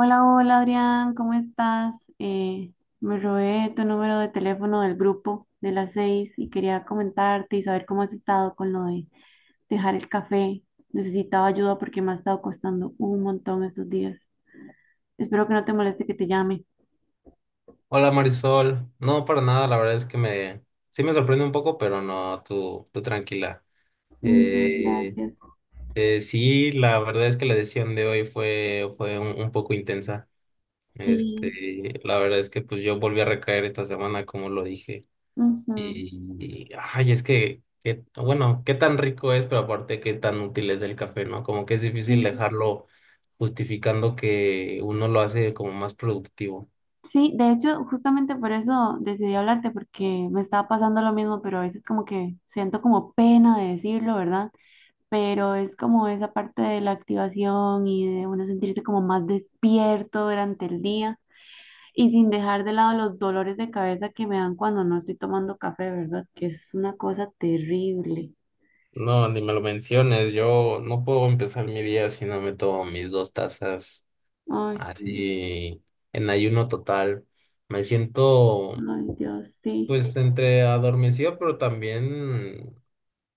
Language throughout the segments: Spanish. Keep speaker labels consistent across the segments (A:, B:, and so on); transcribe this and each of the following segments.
A: Hola, hola Adrián, ¿cómo estás? Me robé tu número de teléfono del grupo de las seis y quería comentarte y saber cómo has estado con lo de dejar el café. Necesitaba ayuda porque me ha estado costando un montón estos días. Espero que no te moleste que te llame.
B: Hola Marisol, no para nada, la verdad es que me sí me sorprende un poco, pero no, tú tranquila.
A: Muchas
B: Eh,
A: gracias.
B: sí, la verdad es que la decisión de hoy fue un poco intensa.
A: Sí.
B: Este, la verdad es que pues yo volví a recaer esta semana, como lo dije.
A: Ujú.
B: Es bueno, qué tan rico es, pero aparte qué tan útil es el café, ¿no? Como que es difícil
A: Sí.
B: dejarlo justificando que uno lo hace como más productivo.
A: Sí, de hecho, justamente por eso decidí hablarte porque me estaba pasando lo mismo, pero a veces como que siento como pena de decirlo, ¿verdad? Pero es como esa parte de la activación y de uno sentirse como más despierto durante el día y sin dejar de lado los dolores de cabeza que me dan cuando no estoy tomando café, ¿verdad? Que es una cosa terrible.
B: No, ni me lo menciones. Yo no puedo empezar mi día si no me tomo mis dos tazas
A: Ay, sí.
B: así en ayuno total. Me siento
A: Ay, Dios, sí.
B: pues entre adormecido, pero también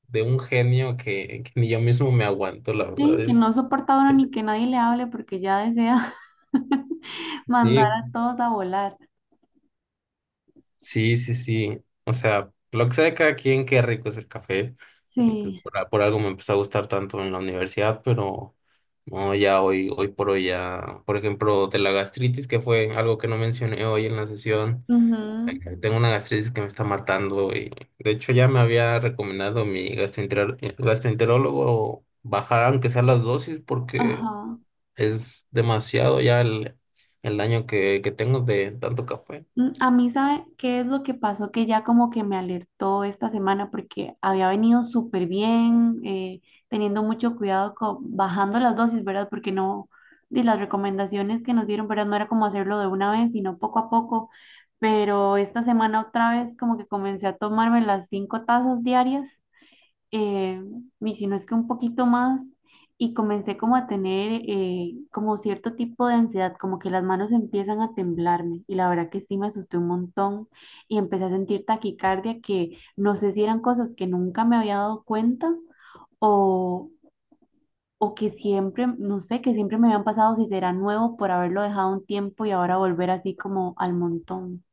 B: de un genio que ni yo mismo me aguanto, la verdad
A: Sí, que
B: es.
A: no soporta uno ni que nadie le hable porque ya desea mandar
B: Sí,
A: a todos a volar.
B: sí, sí, sí. O sea, lo que sea de cada quien, qué rico es el café.
A: Sí.
B: Por algo me empezó a gustar tanto en la universidad, pero no, ya hoy, hoy por hoy ya, por ejemplo, de la gastritis, que fue algo que no mencioné hoy en la sesión.
A: Ujú.
B: Tengo una gastritis que me está matando y de hecho ya me había recomendado mi gastroenterólogo bajar aunque sea las dosis porque
A: Ajá.
B: es demasiado ya el daño que tengo de tanto café.
A: A mí, ¿sabe qué es lo que pasó? Que ya como que me alertó esta semana porque había venido súper bien, teniendo mucho cuidado, bajando las dosis, ¿verdad? Porque no, de las recomendaciones que nos dieron, ¿verdad? No era como hacerlo de una vez, sino poco a poco. Pero esta semana otra vez como que comencé a tomarme las cinco tazas diarias, eh, y si no es que un poquito más, y comencé como a tener, como cierto tipo de ansiedad, como que las manos empiezan a temblarme, y la verdad que sí me asusté un montón, y empecé a sentir taquicardia, que no sé si eran cosas que nunca me había dado cuenta, o, o que siempre, no sé, que siempre me habían pasado, si será nuevo por haberlo dejado un tiempo y ahora volver así como al montón.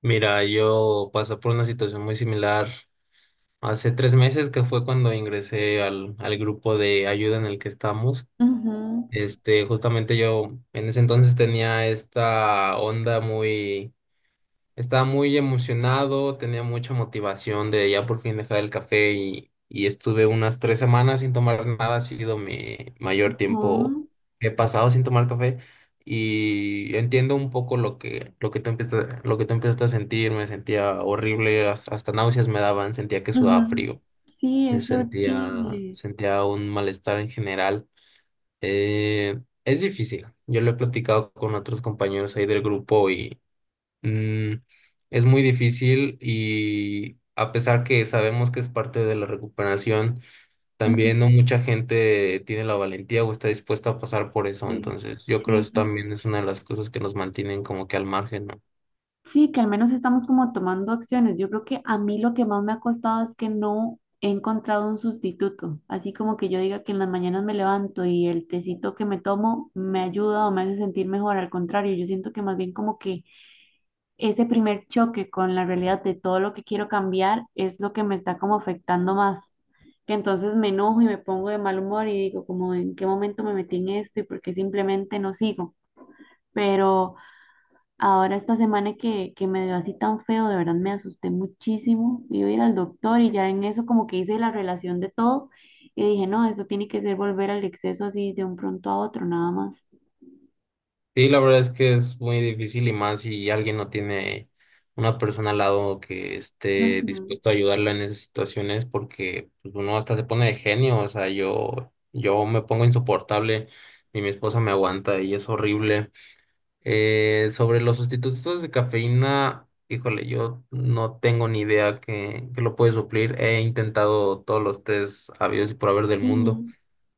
B: Mira, yo pasé por una situación muy similar hace 3 meses que fue cuando ingresé al grupo de ayuda en el que estamos.
A: Ujú.
B: Este, justamente yo en ese entonces tenía esta onda muy estaba muy emocionado, tenía mucha motivación de ya por fin dejar el café y estuve unas 3 semanas sin tomar nada. Ha sido mi mayor tiempo
A: Ujú.
B: que he pasado sin tomar café y entiendo un poco lo que tú empiezas, lo que tú empiezas a sentir. Me sentía horrible, hasta náuseas me daban, sentía que sudaba
A: Ujú.
B: frío,
A: Sí,
B: se
A: es
B: sentía,
A: horrible.
B: sentía un malestar en general. Eh, es difícil. Yo lo he platicado con otros compañeros ahí del grupo. Mm, es muy difícil y a pesar que sabemos que es parte de la recuperación,
A: Ujú.
B: también no mucha gente tiene la valentía o está dispuesta a pasar por eso.
A: Sí.
B: Entonces, yo creo que
A: Sí,
B: eso también es una de las cosas que nos mantienen como que al margen, ¿no?
A: sí, que al menos estamos como tomando acciones. Yo creo que a mí lo que más me ha costado es que no he encontrado un sustituto. Así como que yo diga que en las mañanas me levanto y el tecito que me tomo me ayuda o me hace sentir mejor. Al contrario, yo siento que más bien como que ese primer choque con la realidad de todo lo que quiero cambiar es lo que me está como afectando más. Que entonces me enojo y me pongo de mal humor y digo como en qué momento me metí en esto y por qué simplemente no sigo. Pero. Ahora esta semana que me dio así tan feo, de verdad me asusté muchísimo. Iba a ir al doctor y ya en eso como que hice la relación de todo y dije, no, eso tiene que ser volver al exceso así de un pronto a otro, nada más.
B: Sí, la verdad es que es muy difícil y más si alguien no tiene una persona al lado que esté
A: Ujú.
B: dispuesto a ayudarla en esas situaciones porque pues, uno hasta se pone de genio, o sea, yo me pongo insoportable y mi esposa me aguanta y es horrible. Sobre los sustitutos de cafeína, híjole, yo no tengo ni idea que lo puede suplir. He intentado todos los tés habidos y por haber del mundo.
A: Ujú.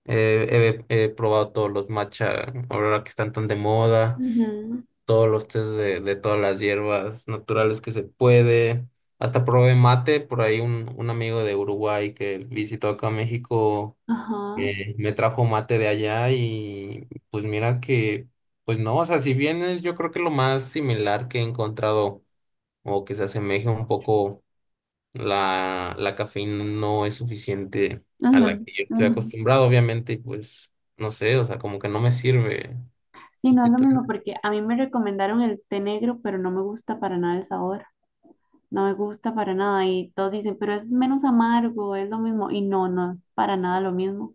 B: He probado todos los matcha, ahora que están tan de moda,
A: Ujú.
B: todos los tés de todas las hierbas naturales que se puede. Hasta probé mate, por ahí un amigo de Uruguay que visitó acá a México
A: Ajá.
B: me trajo mate de allá y pues mira que, pues no, o sea, si bien es yo creo que lo más similar que he encontrado o que se asemeje un poco la cafeína no es suficiente a la
A: Ujú.
B: que yo estoy
A: Ujú.
B: acostumbrado, obviamente, y pues no sé, o sea, como que no me sirve
A: Sí, no es lo
B: sustituir.
A: mismo porque a mí me recomendaron el té negro, pero no me gusta para nada el sabor. No me gusta para nada. Y todos dicen, pero es menos amargo, es lo mismo. Y no, no es para nada lo mismo.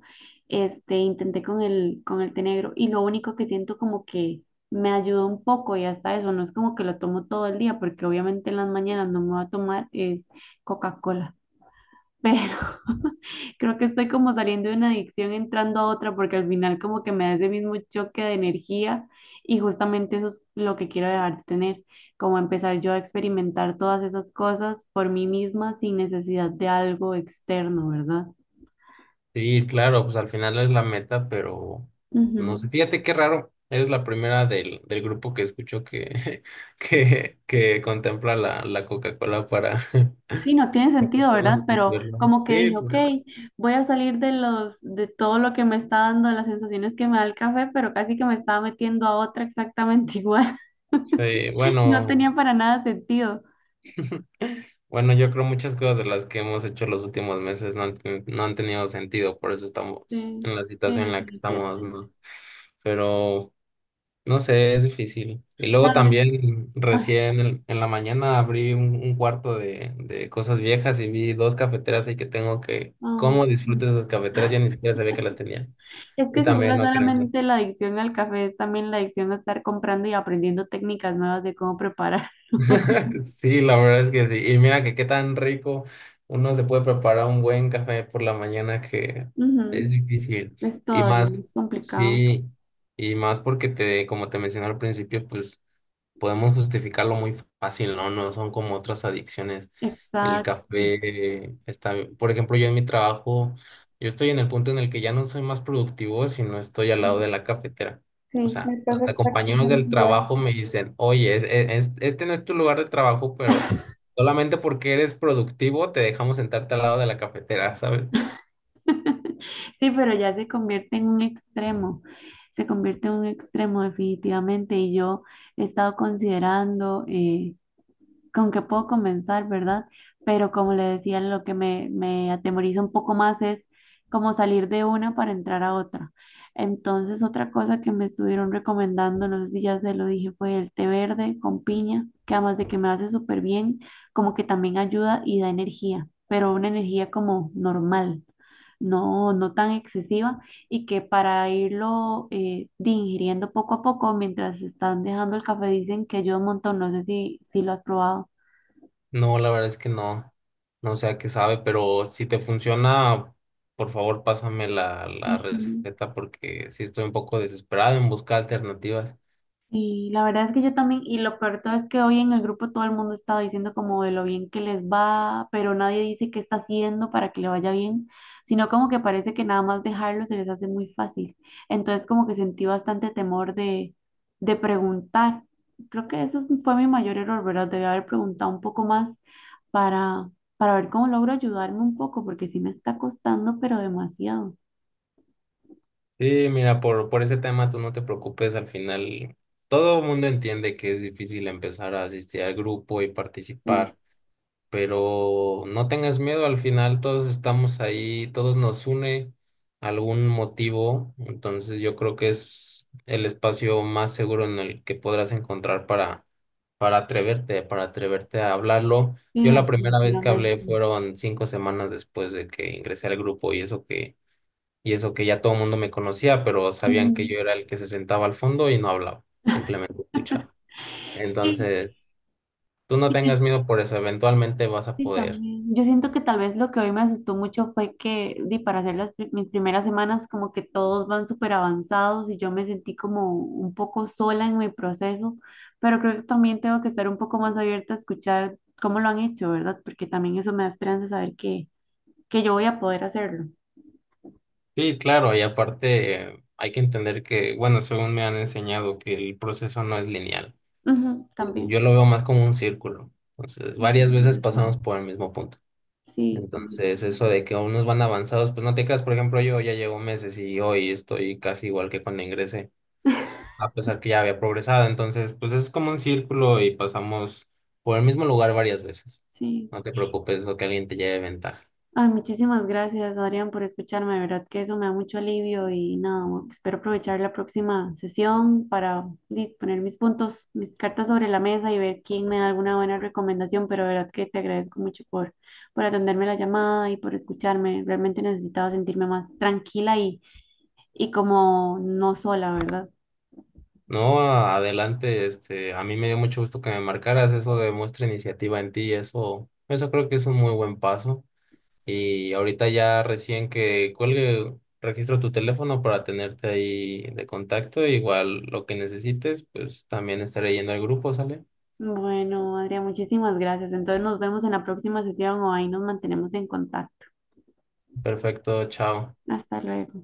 A: Este, intenté con el té negro y lo único que siento como que me ayudó un poco y hasta eso, no es como que lo tomo todo el día, porque obviamente en las mañanas no me va a tomar es Coca-Cola, pero creo que estoy como saliendo de una adicción entrando a otra porque al final como que me da ese mismo choque de energía y justamente eso es lo que quiero dejar de tener, como empezar yo a experimentar todas esas cosas por mí misma sin necesidad de algo externo, ¿verdad?
B: Sí, claro, pues al final es la meta, pero no sé,
A: Ujú.
B: fíjate qué raro. Eres la primera del grupo que escucho que, que contempla la Coca-Cola para,
A: Sí, no tiene sentido,
B: vamos
A: ¿verdad? Pero
B: a...
A: como que
B: Sí,
A: dije, ok,
B: claro.
A: voy a salir de los, de todo lo que me está dando, de las sensaciones que me da el café, pero casi que me estaba metiendo a otra exactamente igual.
B: Sí,
A: No
B: bueno,
A: tenía para nada sentido.
B: bueno, yo creo muchas cosas de las que hemos hecho los últimos meses no no han tenido sentido, por eso estamos
A: Sí,
B: en la
A: sí,
B: situación en la que estamos,
A: definitivamente.
B: ¿no? Pero no sé, es difícil. Y luego
A: A ver.
B: también
A: Ah.
B: recién en la mañana abrí un cuarto de cosas viejas y vi dos cafeteras ahí que tengo que,
A: Ay.
B: ¿cómo
A: Mm.
B: disfruto esas cafeteras? Ya ni siquiera sabía que las tenía.
A: Es
B: Y
A: que si fuera
B: también no creo.
A: solamente la adicción al café, es también la adicción a estar comprando y aprendiendo técnicas nuevas de cómo prepararlo.
B: Sí, la verdad es que sí. Y mira que qué tan rico uno se puede preparar un buen café por la mañana que es
A: Ujú.
B: difícil.
A: Es
B: Y
A: todavía más
B: más,
A: complicado.
B: sí, y más porque te, como te mencioné al principio, pues podemos justificarlo muy fácil, ¿no? No son como otras adicciones. El
A: Exacto.
B: café está, por ejemplo, yo en mi trabajo, yo estoy en el punto en el que ya no soy más productivo si no estoy al lado de
A: Sí.
B: la cafetera. O
A: Sí,
B: sea,
A: me pasa
B: hasta compañeros
A: exactamente
B: del
A: igual.
B: trabajo me dicen, oye, este no es tu lugar de trabajo, pero solamente porque eres productivo te dejamos sentarte al lado de la cafetera, ¿sabes?
A: Sí, pero ya se convierte en un extremo, se convierte en un extremo definitivamente y yo he estado considerando, con que puedo comenzar, ¿verdad? Pero como le decía, lo que me atemoriza un poco más es como salir de una para entrar a otra. Entonces, otra cosa que me estuvieron recomendando, no sé si ya se lo dije, fue el té verde con piña, que además de que me hace súper bien, como que también ayuda y da energía, pero una energía como normal, no, no tan excesiva y que para irlo, de ingiriendo poco a poco mientras están dejando el café dicen que ayuda un montón. No sé si lo has probado.
B: No, la verdad es que no. No sé a qué sabe, pero si te funciona, por favor, pásame la
A: Ujú.
B: receta porque sí estoy un poco desesperado en buscar alternativas.
A: Sí, la verdad es que yo también, y lo peor de todo es que hoy en el grupo todo el mundo está diciendo como de lo bien que les va, pero nadie dice qué está haciendo para que le vaya bien, sino como que parece que nada más dejarlo se les hace muy fácil. Entonces como que sentí bastante temor de preguntar. Creo que eso fue mi mayor error, ¿verdad? Debí haber preguntado un poco más para, para ver cómo logro ayudarme un poco, porque sí me está costando, pero demasiado.
B: Sí, mira, por ese tema tú no te preocupes. Al final, todo el mundo entiende que es difícil empezar a asistir al grupo y
A: Sí.
B: participar. Pero no tengas miedo, al final todos estamos ahí, todos nos une algún motivo, entonces yo creo que es el espacio más seguro en el que podrás encontrar para atreverte a hablarlo.
A: Sí,
B: Yo la primera vez que hablé
A: definitivamente.
B: fueron 5 semanas después de que ingresé al grupo y eso que ya todo el mundo me conocía, pero sabían que
A: Ujú.
B: yo era el que se sentaba al fondo y no hablaba, simplemente escuchaba.
A: Sí.
B: Entonces, tú no tengas miedo por eso, eventualmente vas a
A: Sí,
B: poder.
A: también. Yo siento que tal vez lo que hoy me asustó mucho fue que, para hacer mis primeras semanas, como que todos van súper avanzados y yo me sentí como un poco sola en mi proceso, pero creo que también tengo que estar un poco más abierta a escuchar cómo lo han hecho, ¿verdad? Porque también eso me da esperanza de saber que yo voy a poder hacerlo.
B: Sí, claro, y aparte hay que entender que, bueno, según me han enseñado, que el proceso no es lineal.
A: Ujú, también.
B: Yo lo veo más como un círculo. Entonces,
A: Sí,
B: varias
A: tienes
B: veces pasamos
A: razón.
B: por el mismo punto.
A: Sí. Tienes
B: Entonces, eso
A: razón.
B: de que unos van avanzados, pues no te creas, por ejemplo, yo ya llevo meses y hoy estoy casi igual que cuando ingresé, a pesar que ya había progresado. Entonces, pues es como un círculo y pasamos por el mismo lugar varias veces.
A: Sí.
B: No te preocupes, eso que alguien te lleve ventaja.
A: Ay, muchísimas gracias, Adrián, por escucharme. De verdad que eso me da mucho alivio y nada, espero aprovechar la próxima sesión para, poner mis puntos, mis cartas sobre la mesa y ver quién me da alguna buena recomendación. Pero de verdad que te agradezco mucho por atenderme la llamada y por escucharme. Realmente necesitaba sentirme más tranquila y como no sola, ¿verdad?
B: No, adelante, este, a mí me dio mucho gusto que me marcaras, eso demuestra iniciativa en ti, eso creo que es un muy buen paso. Y ahorita ya recién que cuelgue, registro tu teléfono para tenerte ahí de contacto, igual lo que necesites, pues también estaré yendo al grupo, ¿sale?
A: Bueno, Adrián, muchísimas gracias. Entonces nos vemos en la próxima sesión o ahí nos mantenemos en contacto.
B: Perfecto, chao.
A: Hasta luego.